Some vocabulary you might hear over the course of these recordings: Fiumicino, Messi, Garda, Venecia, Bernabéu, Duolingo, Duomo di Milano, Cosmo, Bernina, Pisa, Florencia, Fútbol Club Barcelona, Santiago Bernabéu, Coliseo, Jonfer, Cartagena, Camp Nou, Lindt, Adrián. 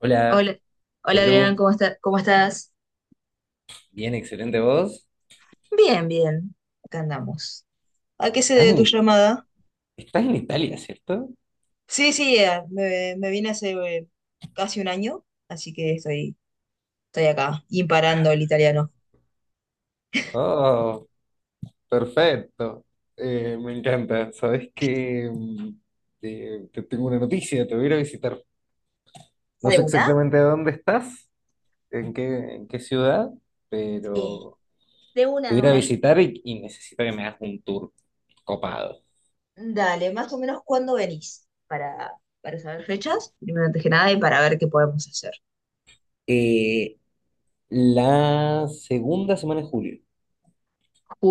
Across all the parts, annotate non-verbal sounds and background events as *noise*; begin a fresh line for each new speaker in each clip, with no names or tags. Hola,
Hola, hola Adrián,
Belu.
¿cómo estás?
Bien, excelente voz.
Bien, bien, acá andamos. ¿A qué se
Estás
debe tu
en,
llamada?
estás en Italia, ¿cierto?
Sí, sí, me vine hace casi un año, así que estoy acá, imparando el italiano.
Oh, perfecto. Me encanta. Sabes que te tengo una noticia, te voy a ir a visitar. No
¿De
sé
una?
exactamente dónde estás, en qué, en qué ciudad,
Eh,
pero te voy a
de
ir a
una.
visitar y, necesito que me hagas un tour copado.
Dale, más o menos, ¿cuándo venís? Para saber fechas, primero antes que nada, y para ver qué podemos hacer.
Eh, la segunda semana de julio,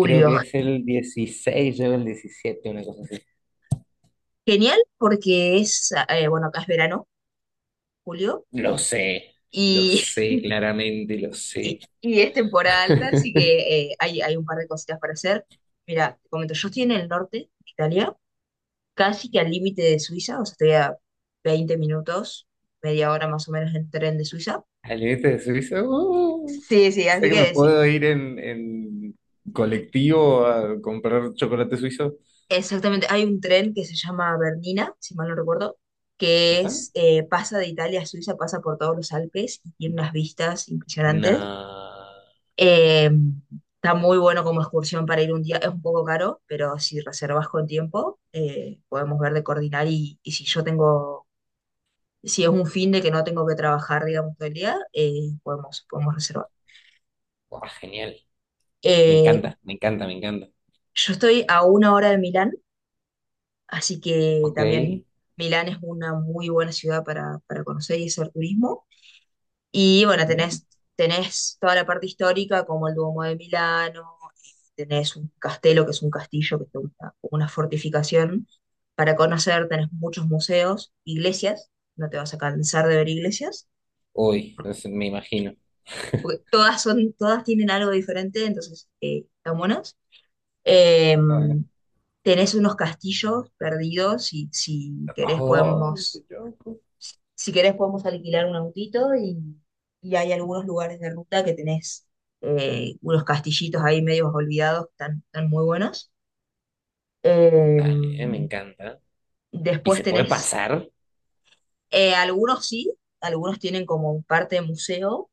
creo que es el 16 o el 17, una cosa.
genial, porque es, bueno, acá es verano, julio,
Lo sé, lo
y
sé, claramente lo sé.
y es temporada alta, así
*laughs*
que hay un par de cositas para hacer. Mira, te comento, yo estoy en el norte de Italia, casi que al límite de Suiza, o sea, estoy a 20 minutos, media hora más o menos en tren de Suiza.
Al límite de Suiza,
Sí, sí,
o sea
así
que me
que sí,
puedo ir en colectivo a comprar chocolate suizo.
exactamente, hay un tren que se llama Bernina, si mal no recuerdo, que
Ajá.
es, pasa de Italia a Suiza, pasa por todos los Alpes y tiene unas vistas impresionantes.
No.
Eh, Está muy bueno como excursión para ir un día, es un poco caro, pero si reservas con tiempo, podemos ver de coordinar y si si es un fin de que no tengo que trabajar, digamos, todo el día, podemos reservar.
Buah, genial. Me
Eh,
encanta, me encanta, me encanta.
yo estoy a una hora de Milán, así que
Ok,
también Milán es una muy buena ciudad para conocer y hacer turismo. Y bueno,
ujú.
tenés toda la parte histórica, como el Duomo de Milano, eh, tenés un castelo, que es un castillo, que es una fortificación para conocer, tenés muchos museos, iglesias, no te vas a cansar de ver iglesias,
Uy, no sé, me imagino.
porque
*laughs*
todas son, todas tienen algo diferente, entonces están buenas. Eh,
Ah, bueno.
Tenés unos castillos perdidos, si, si querés
Ay,
podemos
qué loco.
si querés podemos alquilar un autito y hay algunos lugares de ruta que tenés unos castillitos ahí medio olvidados que están muy buenos. Eh,
Dale, me encanta. ¿Y
después
se puede
tenés,
pasar?
Algunos sí, algunos tienen como parte de museo,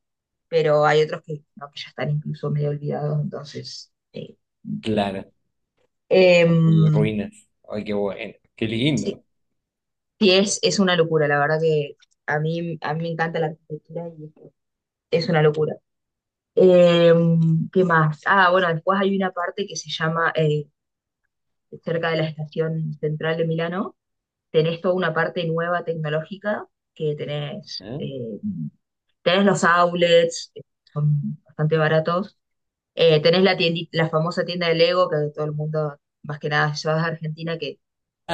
pero hay otros que no, que ya están incluso medio olvidados,
Claro, a muy
em,
ruinas. Ay, qué bueno, qué
sí,
lindo.
sí, es una locura, la verdad que a mí me encanta la arquitectura y es una locura. Eh, ¿Qué más? Ah, bueno, después hay una parte que se llama, cerca de la estación central de Milano, tenés toda una parte nueva tecnológica que
¿Eh?
tenés los outlets, que son bastante baratos, tenés la la famosa tienda de Lego, que todo el mundo, más que nada, si vas a Argentina,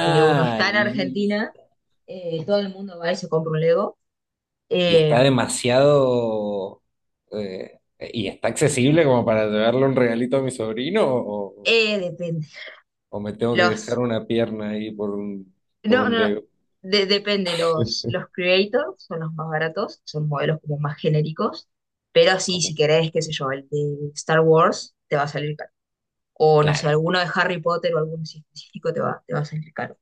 que Lego no está en
li-
Argentina, todo el mundo va y se compra un Lego.
y
Eh,
está demasiado... ¿y está accesible como para llevarle un regalito a mi sobrino?
Depende.
O me tengo que dejar
Los
una pierna ahí por
no,
un
no, no.
Lego?
Depende,
*laughs*
los creators son los más baratos, son modelos como más genéricos, pero sí,
Ok,
si querés, qué sé yo, el de Star Wars te va a salir caro. O no sé,
claro,
alguno de Harry Potter o alguno así específico te va a salir caro.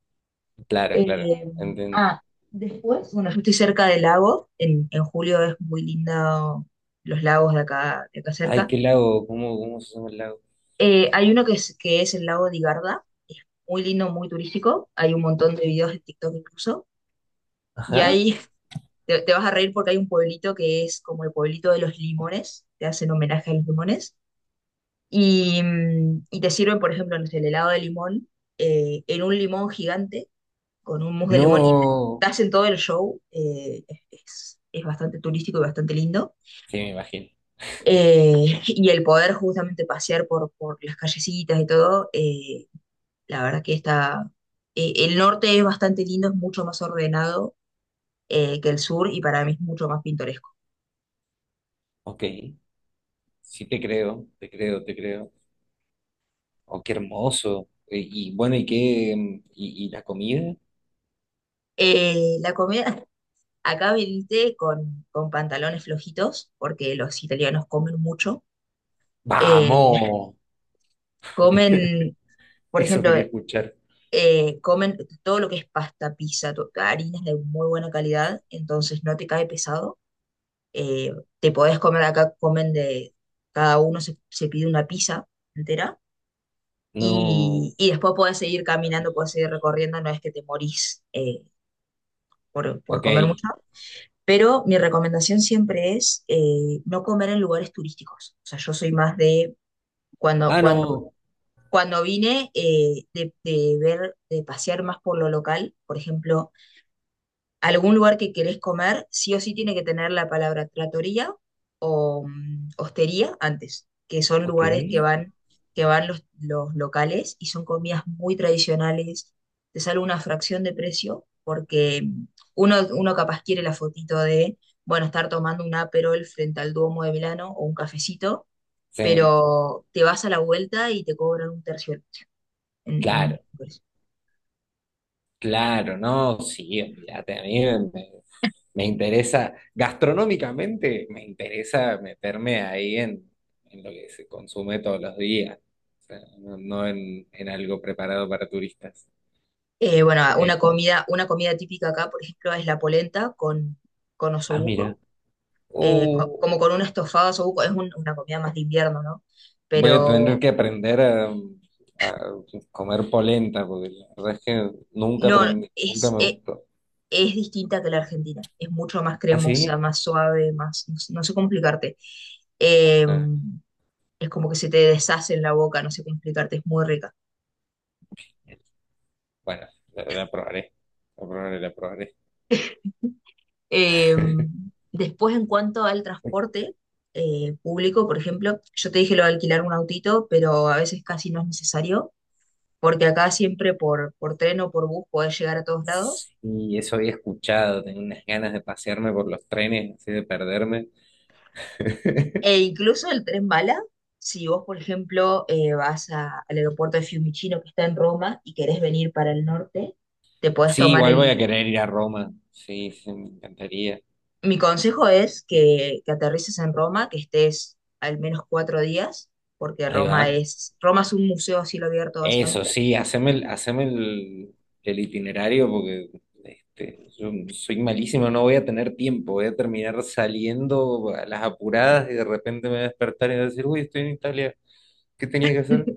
claro, claro.
Eh,
Entiendo.
ah, Después, bueno, yo estoy cerca del lago, en julio es muy lindo los lagos de acá
Ay,
cerca.
qué lago, ¿cómo, cómo se llama el lago?
Hay uno que es el lago de Garda, es muy lindo, muy turístico, hay un montón de videos de TikTok incluso. Y
Ajá.
ahí te vas a reír porque hay un pueblito que es como el pueblito de los limones, te hacen homenaje a los limones, y, y te sirven, por ejemplo, no sé, el helado de limón en un limón gigante, con un mousse de limón, y te
No.
hacen todo el show, es bastante turístico y bastante lindo.
Sí, me imagino.
*laughs* Y el poder justamente pasear por las callecitas y todo, la verdad que está, el norte es bastante lindo, es mucho más ordenado que el sur y para mí es mucho más pintoresco.
Ok. Sí, te creo, te creo, te creo. Oh, qué hermoso. Y bueno, ¿y qué? Y la comida?
La comida, acá viniste con pantalones flojitos, porque los italianos comen mucho. Eh,
¡Vamos!
comen, por
Eso
ejemplo,
quería escuchar.
comen todo lo que es pasta, pizza, harinas de muy buena calidad, entonces no te cae pesado. Eh, Te podés comer acá, comen de, cada uno se pide una pizza entera
No.
y después podés seguir caminando, podés seguir recorriendo, no es que te morís por
Ok.
comer mucho. Pero mi recomendación siempre es, no comer en lugares turísticos. O sea, yo soy más de cuando,
Ah,
cuando,
no.
cuando vine, de ver, de pasear más por lo local. Por ejemplo, algún lugar que querés comer, sí o sí tiene que tener la palabra trattoria o, hostería antes, que son
Ok.
lugares que que van los locales y son comidas muy tradicionales, te sale una fracción de precio porque, uno capaz quiere la fotito de, bueno, estar tomando un Aperol frente al Duomo de Milano o un cafecito,
Sí,
pero te vas a la vuelta y te cobran un tercio en, en-
claro, claro, no, sí, olvídate, a mí me, me- me interesa, gastronómicamente me interesa meterme ahí en lo que se consume todos los días, o sea, no, no en, en algo preparado para turistas.
Bueno,
Porque...
una comida típica acá, por ejemplo, es la polenta con
ah, mira,
osobuco,
uh,
como con un estofado de osobuco, es una comida más de invierno, ¿no?
voy a tener
Pero
que aprender a comer polenta, porque la verdad es que nunca
no,
aprendí, nunca
es,
me
e-
gustó.
es distinta que la Argentina, es mucho más
¿Ah,
cremosa,
sí?
más suave, más, no sé, no sé cómo explicarte. Eh,
Ah,
es como que se te deshace en la boca, no sé cómo explicarte, es muy rica.
bueno, la probaré. La probaré, la probaré.
Eh,
*laughs*
Después, en cuanto al transporte, público, por ejemplo, yo te dije lo de alquilar un autito, pero a veces casi no es necesario porque acá siempre por tren o por bus podés llegar a todos lados.
Y eso había escuchado, tengo unas ganas de pasearme por los trenes, así de perderme. *laughs*
E incluso el tren bala, si vos, por ejemplo, al aeropuerto de Fiumicino que está en Roma y querés venir para el norte, te podés
Sí,
tomar
igual voy a
el...
querer ir a Roma. Sí, sí, me encantaría.
Mi consejo es que aterrices en Roma, que estés al menos cuatro días, porque
Ahí va.
Roma Roma es un museo a cielo abierto
Eso,
básicamente.
sí, haceme el itinerario porque este, yo soy malísimo, no voy a tener tiempo. Voy a terminar saliendo a las apuradas y de repente me voy a despertar y voy a decir, uy, estoy en Italia. ¿Qué tenía que hacer?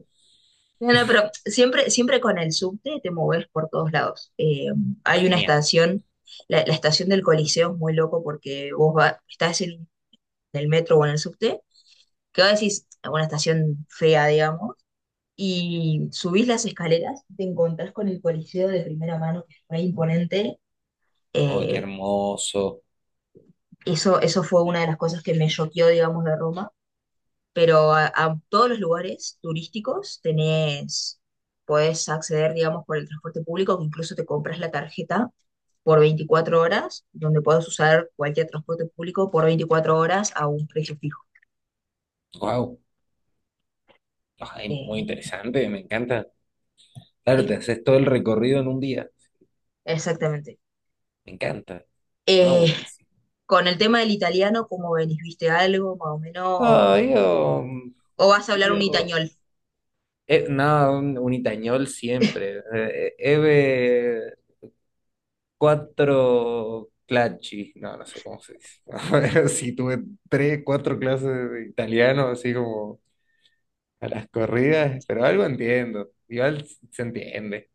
No, no, pero siempre, siempre con el subte te moves por todos lados. Hay una
Genial.
estación, la estación del Coliseo es muy loco porque vos estás en el metro o en el subte, que vos decís, una estación fea, digamos, y subís las escaleras y te encontrás con el Coliseo de primera mano, que es re imponente.
Oh, qué
Eh,
hermoso.
Eso fue una de las cosas que me choqueó, digamos, de Roma, pero a todos los lugares turísticos tenés, podés acceder, digamos, por el transporte público, que incluso te compras la tarjeta por 24 horas, donde puedes usar cualquier transporte público por 24 horas a un precio fijo.
Wow, muy
Eh,
interesante, me encanta. Claro, te
sí,
haces todo el recorrido en un día.
exactamente.
Me encanta. Ah,
Eh,
buenísimo.
con el tema del italiano, ¿cómo venís? ¿Viste algo más o menos? ¿O
ah yo,
o vas a hablar
yo,
un itañol?
no, un itañol siempre. Eve cuatro clacci, no, no sé cómo se dice. *laughs* Sí, tuve tres, cuatro clases de italiano, así como a las corridas, pero algo entiendo. Igual se entiende.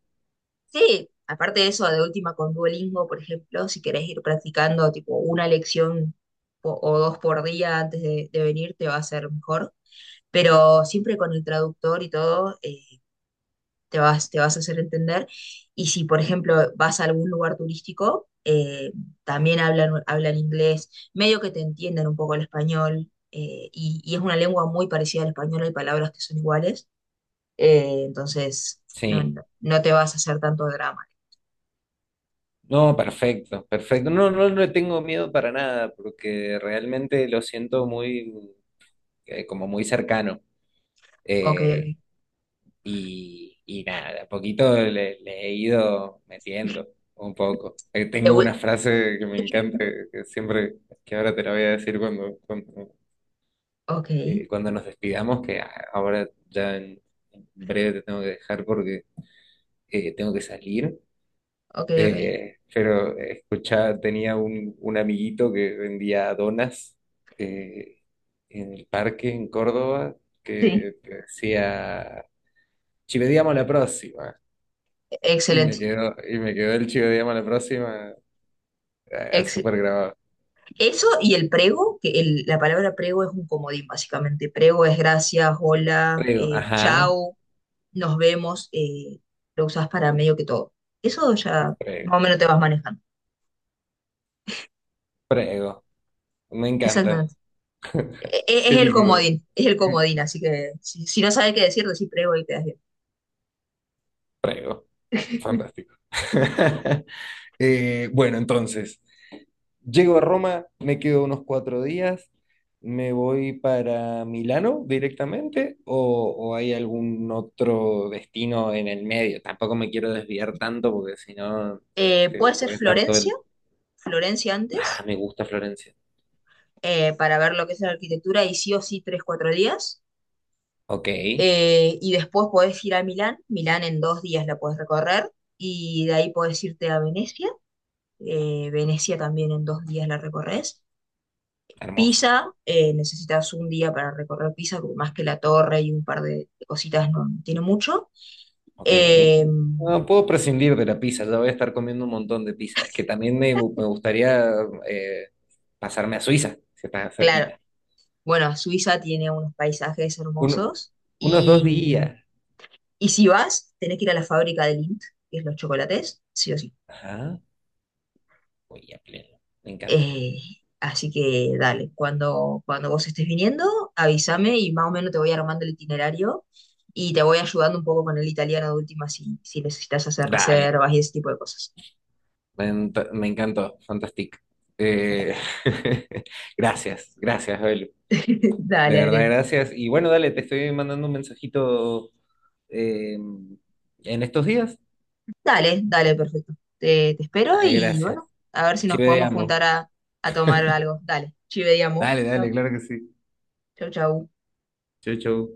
Sí, aparte de eso, de última con Duolingo, por ejemplo, si querés ir practicando tipo una lección o dos por día antes de venir, te va a ser mejor. Pero siempre con el traductor y todo, te vas a hacer entender. Y si, por ejemplo, vas a algún lugar turístico, también hablan inglés, medio que te entienden un poco el español, y es una lengua muy parecida al español, hay palabras que son iguales, entonces,
Sí.
no te vas a hacer tanto drama.
No, perfecto, perfecto. No, no le tengo miedo para nada, porque realmente lo siento muy, como muy cercano.
Ok, ok.
Eh, y nada, de a poquito le he ido metiendo un poco.
Te
Tengo una
vu-
frase que me encanta, que siempre, que ahora te la voy a decir cuando,
Ok,
cuando nos despidamos, que a- ahora ya en breve te tengo que dejar porque tengo que salir.
ok, ok.
Pero escuchaba, tenía un amiguito que vendía donas eh, en el parque en Córdoba
Sí.
que te decía, chivediamo la próxima.
Excelente.
Y me quedó el chivediamo la próxima
Ex-
súper grabado.
Eso y el prego, la palabra prego es un comodín, básicamente. Prego es gracias, hola,
Prego, ajá,
chao, nos vemos. Lo usas para medio que todo. Eso ya más o
prego,
menos te vas manejando.
prego. Me encanta,
Exactamente. Es
qué
el
lindo.
comodín, es el comodín, así que si no sabes qué decir, decís prego y quedas bien.
Prego,
*laughs*
fantástico. *laughs* Bueno, entonces. Llego a Roma, me quedo unos cuatro días, me voy para Milano directamente o hay algún otro destino en el medio. Tampoco me quiero desviar tanto porque si no, este,
Puede ser
voy a estar todo
Florencia,
el...
Florencia
Ah,
antes,
me gusta Florencia.
para ver lo que es la arquitectura y sí o sí tres, cuatro días.
Ok,
Y después podés ir a Milán, Milán en dos días la podés recorrer y de ahí podés irte a Venecia, Venecia también en dos días la recorres.
hermoso.
Pisa, necesitas un día para recorrer Pisa, porque más que la torre y un par de cositas no, no tiene mucho.
Ok.
Eh,
No puedo prescindir de la pizza, ya voy a estar comiendo un montón de pizza. Es que también me gustaría eh, pasarme a Suiza, si está
claro,
cerquita.
bueno, Suiza tiene unos paisajes
Uno...
hermosos
unos dos
y,
días.
y si vas, tenés que ir a la fábrica de Lindt, que es los chocolates, sí o sí.
Ajá. Uy, a pleno. Me encanta.
Eh, Así que dale, cuando vos estés viniendo, avísame y más o menos te voy armando el itinerario y te voy ayudando un poco con el italiano de última si necesitas hacer
Dale,
reservas y ese tipo de cosas.
me encantó, fantástico. Eh, *laughs* gracias, gracias, Abel.
*laughs*
De
Dale,
verdad,
Adrián.
gracias. Y bueno, dale, te estoy mandando un mensajito eh, en estos días.
Dale, dale, perfecto. Te espero
Ay,
y
gracias.
bueno, a ver si nos podemos
Chivedeamos.
juntar a tomar algo. Dale, ci vediamo.
Dale, dale,
Chau,
claro que sí.
chau. Chau.
Chau, chau.